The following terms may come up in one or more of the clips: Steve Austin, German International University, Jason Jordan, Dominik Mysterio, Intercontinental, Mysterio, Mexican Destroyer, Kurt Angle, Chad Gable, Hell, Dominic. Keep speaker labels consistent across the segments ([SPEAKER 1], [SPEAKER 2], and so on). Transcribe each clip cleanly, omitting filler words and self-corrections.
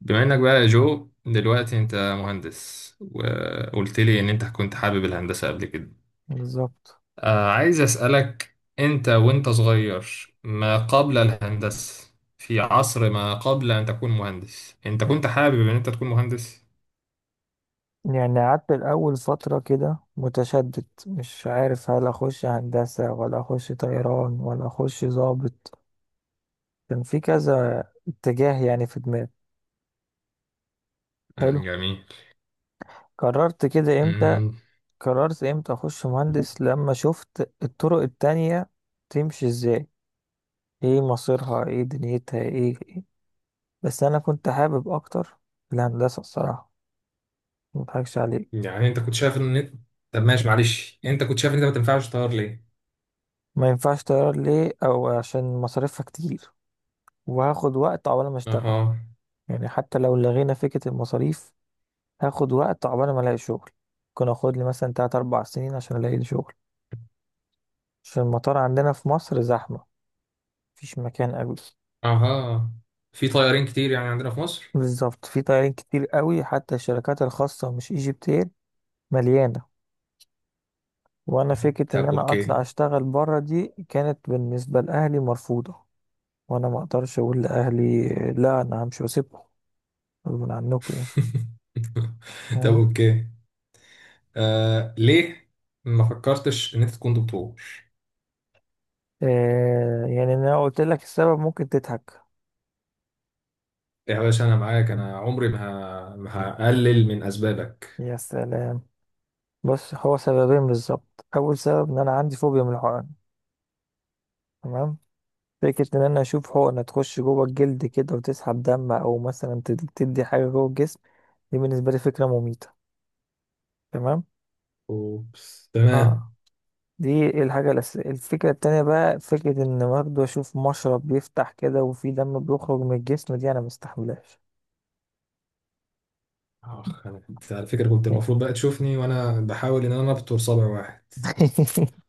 [SPEAKER 1] بما انك بقى يا جو دلوقتي انت مهندس، وقلت لي ان انت كنت حابب الهندسة قبل كده.
[SPEAKER 2] بالظبط.
[SPEAKER 1] آه، عايز اسألك انت وانت صغير ما قبل الهندسة، في عصر ما قبل ان تكون مهندس، انت كنت حابب ان انت تكون مهندس؟
[SPEAKER 2] يعني قعدت الأول فترة كده متشدد، مش عارف هل أخش هندسة ولا أخش طيران ولا أخش ضابط. كان في كذا اتجاه يعني في دماغي. حلو.
[SPEAKER 1] جميل.
[SPEAKER 2] قررت كده إمتى؟
[SPEAKER 1] مم،
[SPEAKER 2] قررت إمتى أخش مهندس لما شفت الطرق التانية تمشي إزاي، إيه مصيرها، إيه دنيتها، إيه، إيه. بس أنا كنت حابب أكتر الهندسة الصراحة، مضحكش عليك.
[SPEAKER 1] يعني انت كنت شايف ان انت، طب ماشي معلش، انت كنت شايف ان انت ما تنفعش طيار ليه؟
[SPEAKER 2] ما ينفعش طيران ليه؟ أو عشان مصاريفها كتير وهاخد وقت عقبال ما اشتغل.
[SPEAKER 1] اها.
[SPEAKER 2] يعني حتى لو لغينا فكرة المصاريف، هاخد وقت عقبال ما الاقي شغل. ممكن اخد لي مثلا تلات اربع سنين عشان الاقي لي شغل، عشان المطار عندنا في مصر زحمة، مفيش مكان قوي.
[SPEAKER 1] اها، في طيارين كتير يعني عندنا في مصر.
[SPEAKER 2] بالظبط، في طيارين كتير قوي، حتى الشركات الخاصة مش ايجيبت اير مليانة. وانا فكرة ان
[SPEAKER 1] طب
[SPEAKER 2] انا
[SPEAKER 1] اوكي.
[SPEAKER 2] اطلع اشتغل بره دي كانت بالنسبة لاهلي مرفوضة. وانا ما اقدرش اقول لاهلي لا، انا همشي واسيبكم غصب عنكم يعني.
[SPEAKER 1] طب
[SPEAKER 2] فاهم؟
[SPEAKER 1] اوكي. آه ليه ما فكرتش ان انت تكون دكتور؟
[SPEAKER 2] آه يعني انا قلت لك السبب ممكن تضحك.
[SPEAKER 1] يا باشا انا معاك، انا عمري ما ما هقلل من اسبابك.
[SPEAKER 2] يا سلام. بص، هو سببين بالظبط. اول سبب ان انا عندي فوبيا من الحقن. تمام. فكرة ان انا اشوف حقنة تخش جوه الجلد كده وتسحب دم او مثلا تدي حاجة جوه الجسم، دي بالنسبة لي فكرة مميتة. تمام.
[SPEAKER 1] اوبس،
[SPEAKER 2] اه.
[SPEAKER 1] تمام.
[SPEAKER 2] دي الحاجة الأساسية. الفكرة التانية بقى، فكرة ان برضه اشوف مشرب بيفتح كده وفي دم بيخرج من الجسم، دي انا مستحملهاش.
[SPEAKER 1] اخ، انا كنت على فكره كنت المفروض بقى تشوفني وانا بحاول ان انا ابتر صابع واحد.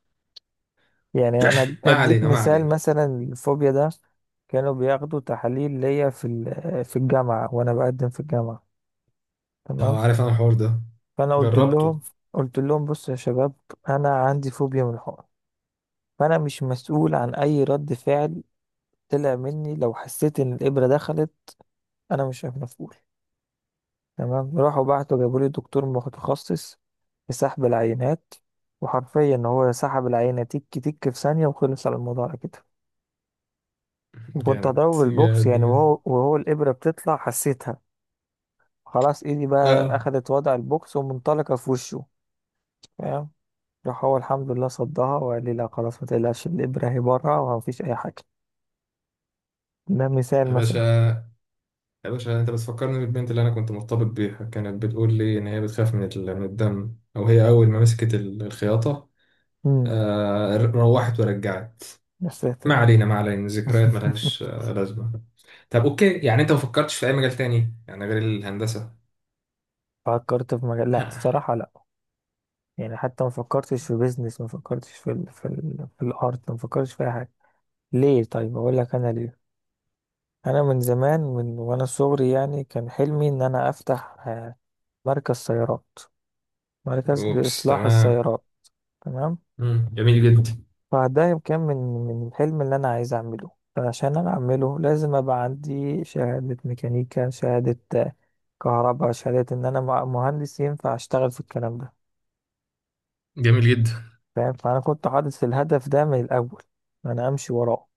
[SPEAKER 2] يعني انا
[SPEAKER 1] ما
[SPEAKER 2] اديك
[SPEAKER 1] علينا ما
[SPEAKER 2] مثال
[SPEAKER 1] علينا.
[SPEAKER 2] مثلا الفوبيا ده. كانوا بياخدوا تحاليل ليا في ال- آه، في الجامعه وانا بقدم في الجامعه. تمام.
[SPEAKER 1] اه، عارف انا الحوار ده،
[SPEAKER 2] فانا قلت
[SPEAKER 1] جربته.
[SPEAKER 2] لهم، قلت لهم بصوا يا شباب، انا عندي فوبيا من الحقن، فانا مش مسؤول عن اي رد فعل طلع مني لو حسيت ان الابره دخلت. انا مش مسؤول. تمام. راحوا بعتوا جابوا لي دكتور متخصص في سحب العينات، وحرفيا هو سحب العينه تك تك في ثانيه وخلص على الموضوع على كده. وكنت
[SPEAKER 1] جامد
[SPEAKER 2] هضربه بالبوكس
[SPEAKER 1] جامد
[SPEAKER 2] يعني،
[SPEAKER 1] بجد.
[SPEAKER 2] وهو الإبرة بتطلع حسيتها. خلاص إيدي بقى
[SPEAKER 1] اه.
[SPEAKER 2] أخدت وضع البوكس ومنطلقة في وشه. فاهم؟ راح هو الحمد لله صدها وقال لي لا خلاص ما تقلقش، الإبرة هي بره ومفيش أي حاجة. ده مثال
[SPEAKER 1] يا
[SPEAKER 2] مثلا.
[SPEAKER 1] باشا، يا باشا، انت بتفكرني بالبنت اللي انا كنت مرتبط بيها، كانت بتقول لي ان هي بتخاف من من الدم، او هي اول ما مسكت الخياطه
[SPEAKER 2] امم.
[SPEAKER 1] روحت ورجعت.
[SPEAKER 2] يا
[SPEAKER 1] ما
[SPEAKER 2] ساتر آه.
[SPEAKER 1] علينا ما علينا، ذكريات ملهاش لازمة. طب اوكي، يعني انت ما فكرتش في اي مجال تاني يعني غير الهندسة؟
[SPEAKER 2] فكرت في مجال؟ لا الصراحة لا. يعني حتى ما فكرتش في بيزنس، ما فكرتش في ال... في ال... في الارت، ما فكرتش في اي حاجة. ليه؟ طيب اقول لك انا ليه. انا من زمان، من وانا صغري يعني، كان حلمي ان انا افتح مركز سيارات، مركز
[SPEAKER 1] اوبس،
[SPEAKER 2] لإصلاح
[SPEAKER 1] تمام.
[SPEAKER 2] السيارات. تمام.
[SPEAKER 1] مم، جميل جدا.
[SPEAKER 2] فده كان من الحلم اللي أنا عايز أعمله. فعشان أنا أعمله لازم أبقى عندي شهادة ميكانيكا، شهادة آه، كهرباء، شهادة إن أنا مهندس ينفع أشتغل في الكلام ده.
[SPEAKER 1] جميل جدا.
[SPEAKER 2] فاهم؟ فأنا كنت حاطط الهدف ده من الأول، أنا أمشي وراه.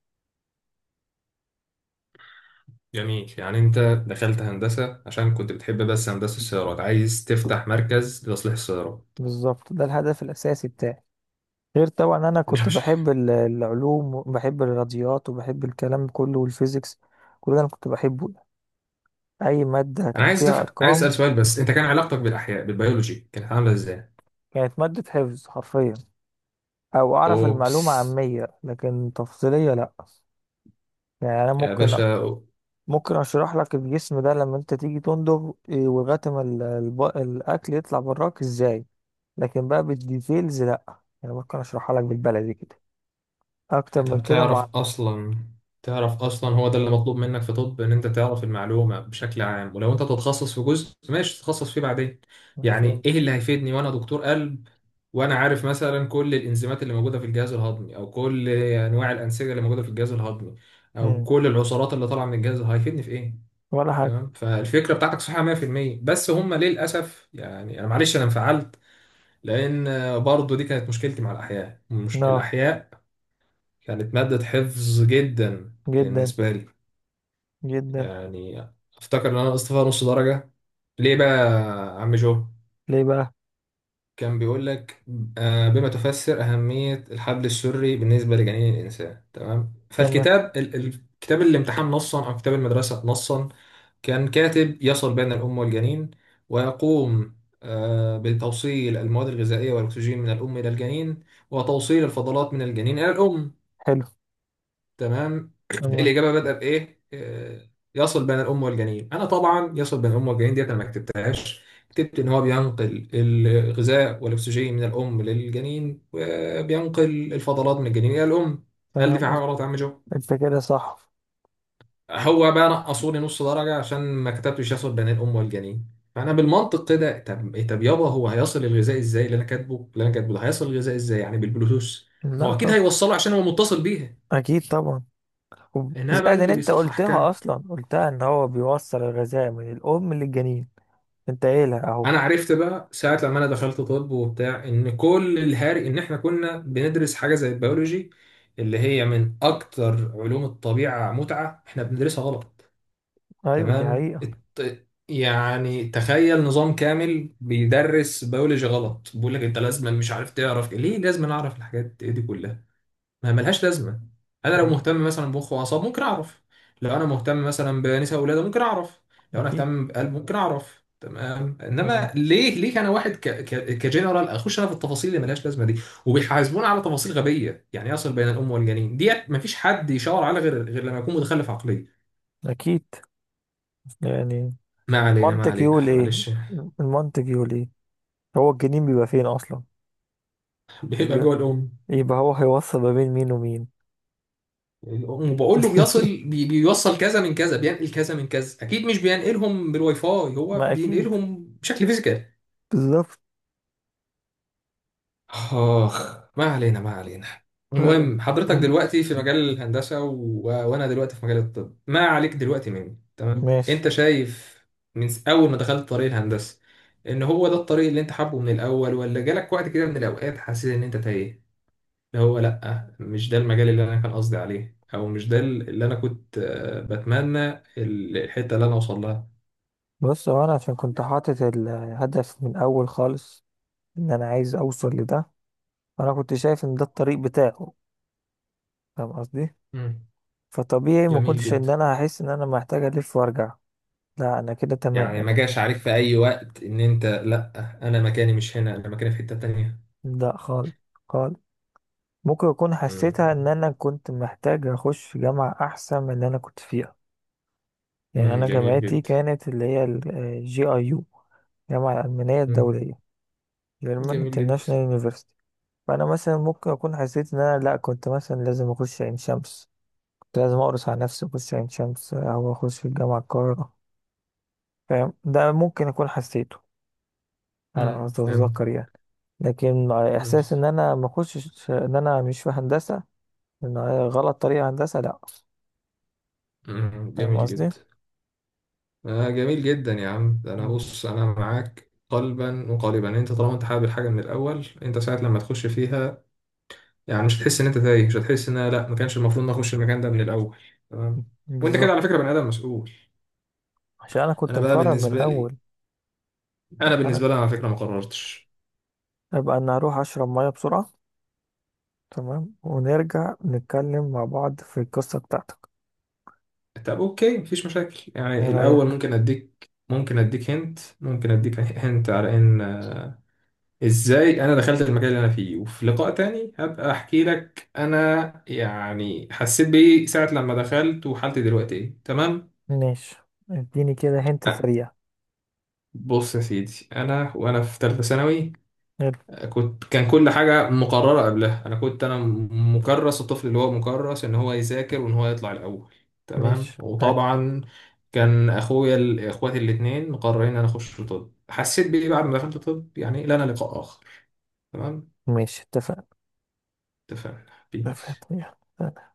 [SPEAKER 1] جميل، يعني انت دخلت هندسة عشان كنت بتحب، بس هندسة السيارات، عايز تفتح مركز لتصليح السيارات.
[SPEAKER 2] بالظبط، ده الهدف الأساسي بتاعي. غير طبعا أنا
[SPEAKER 1] يا
[SPEAKER 2] كنت
[SPEAKER 1] باشا،
[SPEAKER 2] بحب العلوم، وبحب الرياضيات، وبحب الكلام كله، والفيزيكس. كل ده أنا كنت بحبه، أي مادة
[SPEAKER 1] انا
[SPEAKER 2] كان
[SPEAKER 1] عايز
[SPEAKER 2] فيها
[SPEAKER 1] عايز
[SPEAKER 2] أرقام.
[SPEAKER 1] اسأل سؤال بس، انت كان علاقتك بالاحياء بالبيولوجي كانت عاملة ازاي؟
[SPEAKER 2] كانت مادة حفظ حرفيا. أو أعرف المعلومة
[SPEAKER 1] اوبس.
[SPEAKER 2] عامية لكن تفصيلية لأ. يعني أنا
[SPEAKER 1] يا
[SPEAKER 2] ممكن،
[SPEAKER 1] باشا.
[SPEAKER 2] ممكن أشرح لك الجسم ده لما أنت تيجي تندغ إيه، ولغاية ما الأكل يطلع براك إزاي. لكن بقى بالديتيلز لأ. يعني ممكن أشرحها لك بالبلدي كده، أكتر من
[SPEAKER 1] طب
[SPEAKER 2] كده
[SPEAKER 1] تعرف
[SPEAKER 2] مع...
[SPEAKER 1] اصلا، تعرف اصلا هو ده اللي مطلوب منك في طب، ان انت تعرف المعلومه بشكل عام، ولو انت تتخصص في جزء ماشي تتخصص فيه بعدين. يعني ايه
[SPEAKER 2] فهمت.
[SPEAKER 1] اللي هيفيدني وانا دكتور قلب وانا عارف مثلا كل الانزيمات اللي موجوده في الجهاز الهضمي، او كل انواع الانسجه اللي موجوده في الجهاز الهضمي، او
[SPEAKER 2] مم.
[SPEAKER 1] كل العصارات اللي طالعه من الجهاز؟ هيفيدني في ايه؟
[SPEAKER 2] ولا حاجة.
[SPEAKER 1] تمام، فالفكره بتاعتك صحيحه 100%، بس هم للاسف. يعني انا معلش انا انفعلت، لان برضو دي كانت مشكلتي مع الاحياء. مش
[SPEAKER 2] لا،
[SPEAKER 1] الاحياء، كانت مادة حفظ جدا
[SPEAKER 2] جدا
[SPEAKER 1] بالنسبة لي.
[SPEAKER 2] جدا.
[SPEAKER 1] يعني أفتكر إن أنا نقصت فيها نص درجة. ليه بقى يا عم جو؟
[SPEAKER 2] ليه بقى؟
[SPEAKER 1] كان بيقول لك بما تفسر أهمية الحبل السري بالنسبة لجنين الإنسان، تمام؟
[SPEAKER 2] تمام.
[SPEAKER 1] فالكتاب كتاب الامتحان نصا أو كتاب المدرسة نصا كان كاتب يصل بين الأم والجنين، ويقوم بتوصيل المواد الغذائية والأكسجين من الأم إلى الجنين، وتوصيل الفضلات من الجنين إلى الأم.
[SPEAKER 2] حلو.
[SPEAKER 1] تمام.
[SPEAKER 2] تمام.
[SPEAKER 1] الإجابة بدأ بإيه؟ يصل بين الأم والجنين. أنا طبعا يصل بين الأم والجنين ديت أنا ما كتبتهاش، كتبت إن هو بينقل الغذاء والأكسجين من الأم للجنين، وبينقل الفضلات من الجنين إلى الأم. هل دي
[SPEAKER 2] تمام
[SPEAKER 1] في حاجة
[SPEAKER 2] أنت.
[SPEAKER 1] غلط يا عم جو؟
[SPEAKER 2] أنت كده صح.
[SPEAKER 1] هو بقى نقصوا لي نص درجة عشان ما كتبتش يصل بين الأم والجنين. فأنا بالمنطق كده، طب طب يابا، هو هيصل الغذاء إزاي؟ اللي أنا كاتبه، اللي أنا كاتبه ده هيصل الغذاء إزاي، يعني بالبلوتوث؟ ما
[SPEAKER 2] لا
[SPEAKER 1] هو أكيد
[SPEAKER 2] طب.
[SPEAKER 1] هيوصله عشان هو متصل بيها.
[SPEAKER 2] أكيد طبعا.
[SPEAKER 1] إنها بقى
[SPEAKER 2] زائد ان
[SPEAKER 1] اللي
[SPEAKER 2] انت
[SPEAKER 1] بيصحح
[SPEAKER 2] قلتها
[SPEAKER 1] كام؟
[SPEAKER 2] اصلا، قلتها ان هو بيوصل الغذاء من الام للجنين، انت قايلها اهو.
[SPEAKER 1] انا عرفت بقى ساعه لما انا دخلت طب وبتاع، ان كل الهاري ان احنا كنا بندرس حاجه زي البيولوجي، اللي هي من اكتر علوم الطبيعه متعه، احنا بندرسها غلط.
[SPEAKER 2] ايوه دي
[SPEAKER 1] تمام،
[SPEAKER 2] حقيقة.
[SPEAKER 1] يعني تخيل نظام كامل بيدرس بيولوجي غلط، بيقول لك انت لازم، مش عارف تعرف ليه لازم اعرف الحاجات دي كلها، ما ملهاش لازمه. انا لو
[SPEAKER 2] ايوه.
[SPEAKER 1] مهتم مثلا بمخ واعصاب ممكن اعرف، لو انا مهتم مثلا بنساء ولاده ممكن اعرف، لو انا
[SPEAKER 2] اكيد.
[SPEAKER 1] اهتم بقلب ممكن اعرف، تمام. انما
[SPEAKER 2] مم.
[SPEAKER 1] ليه، ليه انا واحد كجنرال اخش انا في التفاصيل اللي ملهاش لازمه دي، وبيحاسبونا على تفاصيل غبيه، يعني يصل بين الام والجنين ديت مفيش حد يشاور على غير، غير لما يكون متخلف عقليا.
[SPEAKER 2] اكيد يعني.
[SPEAKER 1] ما علينا ما
[SPEAKER 2] المنطق
[SPEAKER 1] علينا
[SPEAKER 2] يقول ايه؟
[SPEAKER 1] معلش.
[SPEAKER 2] المنطق يقول ايه؟ هو الجنين بيبقى فين اصلا؟ مش
[SPEAKER 1] بيبقى
[SPEAKER 2] بيبقى،
[SPEAKER 1] جوه الام.
[SPEAKER 2] يبقى هو هيوصل ما بين مين ومين؟
[SPEAKER 1] الام، وبقول له بيصل بيوصل كذا من كذا، بينقل كذا من كذا، اكيد مش بينقلهم بالواي فاي، هو
[SPEAKER 2] ما اكيد.
[SPEAKER 1] بينقلهم بشكل فيزيكال.
[SPEAKER 2] بالظبط.
[SPEAKER 1] آخ، ما علينا ما علينا.
[SPEAKER 2] فعلا.
[SPEAKER 1] المهم حضرتك
[SPEAKER 2] مم.
[SPEAKER 1] دلوقتي في مجال الهندسة وأنا دلوقتي في مجال الطب. ما عليك دلوقتي مني. تمام،
[SPEAKER 2] ماشي.
[SPEAKER 1] أنت شايف من أول ما دخلت طريق الهندسة إن هو ده الطريق اللي أنت حابه من الأول، ولا جالك وقت كده من الأوقات حسيت إن أنت تايه، اللي هو لأ مش ده المجال اللي أنا كان قصدي عليه، أو مش ده اللي أنا كنت بتمنى الحتة اللي أنا أوصل لها؟
[SPEAKER 2] بص، هو انا عشان كنت حاطط الهدف من اول خالص ان انا عايز اوصل لده، فانا كنت شايف ان ده الطريق بتاعه. فاهم قصدي؟
[SPEAKER 1] مم،
[SPEAKER 2] فطبيعي ما
[SPEAKER 1] جميل
[SPEAKER 2] كنتش
[SPEAKER 1] جدا.
[SPEAKER 2] ان انا هحس ان انا محتاج الف وارجع. لا انا كده تمام
[SPEAKER 1] يعني ما
[SPEAKER 2] انا.
[SPEAKER 1] جاش عليك في اي وقت ان انت لا، انا مكاني مش هنا، انا مكاني في حتة تانية؟
[SPEAKER 2] لا خالص، خالص. ممكن اكون
[SPEAKER 1] مم.
[SPEAKER 2] حسيتها ان انا كنت محتاج اخش جامعة احسن من اللي انا كنت فيها. يعني
[SPEAKER 1] مم،
[SPEAKER 2] انا
[SPEAKER 1] جميل
[SPEAKER 2] جامعتي
[SPEAKER 1] جدا.
[SPEAKER 2] كانت اللي هي GIU، الجامعة الألمانية
[SPEAKER 1] مم،
[SPEAKER 2] الدولية، German
[SPEAKER 1] جميل جدا.
[SPEAKER 2] International University. فأنا مثلا ممكن أكون حسيت إن أنا لأ، كنت مثلا لازم أخش عين شمس، كنت لازم أقرص على نفسي أخش عين شمس أو أخش في الجامعة القاهرة. فاهم؟ ده ممكن أكون حسيته، على ما
[SPEAKER 1] مم، فهمت.
[SPEAKER 2] اتذكر يعني. لكن
[SPEAKER 1] مم.
[SPEAKER 2] احساس ان انا ما اخشش ان انا مش في هندسه، ان هي غلط طريقه هندسه، لا.
[SPEAKER 1] مم،
[SPEAKER 2] فاهم
[SPEAKER 1] جميل
[SPEAKER 2] قصدي؟
[SPEAKER 1] جدا. آه جميل جدا يا عم. ده انا
[SPEAKER 2] مم.
[SPEAKER 1] بص انا معاك قلبا وقالبا، انت طالما انت حابب الحاجه من الاول، انت ساعه لما تخش فيها يعني مش هتحس ان انت تايه، مش هتحس ان أنا لا، ما كانش المفروض ان أنا اخش المكان ده من الاول. تمام. وانت كده
[SPEAKER 2] بالظبط،
[SPEAKER 1] على فكره بني ادم مسؤول.
[SPEAKER 2] عشان انا كنت
[SPEAKER 1] انا بقى
[SPEAKER 2] مقرر من
[SPEAKER 1] بالنسبه لي،
[SPEAKER 2] الاول.
[SPEAKER 1] انا
[SPEAKER 2] انا
[SPEAKER 1] بالنسبه لي انا على فكره ما قررتش.
[SPEAKER 2] ابقى ان اروح اشرب ميه بسرعه تمام، ونرجع نتكلم مع بعض في القصه بتاعتك.
[SPEAKER 1] طب اوكي، مفيش مشاكل. يعني
[SPEAKER 2] ايه
[SPEAKER 1] الاول
[SPEAKER 2] رايك؟
[SPEAKER 1] ممكن اديك، ممكن اديك هنت، ممكن اديك هنت على ان ازاي انا دخلت المكان اللي انا فيه، وفي لقاء تاني هبقى احكي لك انا يعني حسيت بايه ساعة لما دخلت، وحالتي دلوقتي ايه، تمام؟
[SPEAKER 2] ماشي. اديني كده هنت
[SPEAKER 1] آه،
[SPEAKER 2] سريع.
[SPEAKER 1] بص يا سيدي، انا وانا في ثالثة ثانوي
[SPEAKER 2] يلا.
[SPEAKER 1] كنت، كان كل حاجة مقررة قبلها. أنا كنت أنا مكرس، الطفل اللي هو مكرس إن هو يذاكر وإن هو يطلع الأول، تمام.
[SPEAKER 2] ماشي. ها،
[SPEAKER 1] وطبعا كان أخويا إخواتي الاتنين مقررين إن أنا أخش طب. حسيت بإيه بعد ما دخلت طب؟ يعني لنا لقاء آخر، تمام.
[SPEAKER 2] ماشي. اتفقنا.
[SPEAKER 1] اتفقنا. بيس.
[SPEAKER 2] اتفقنا. يلا.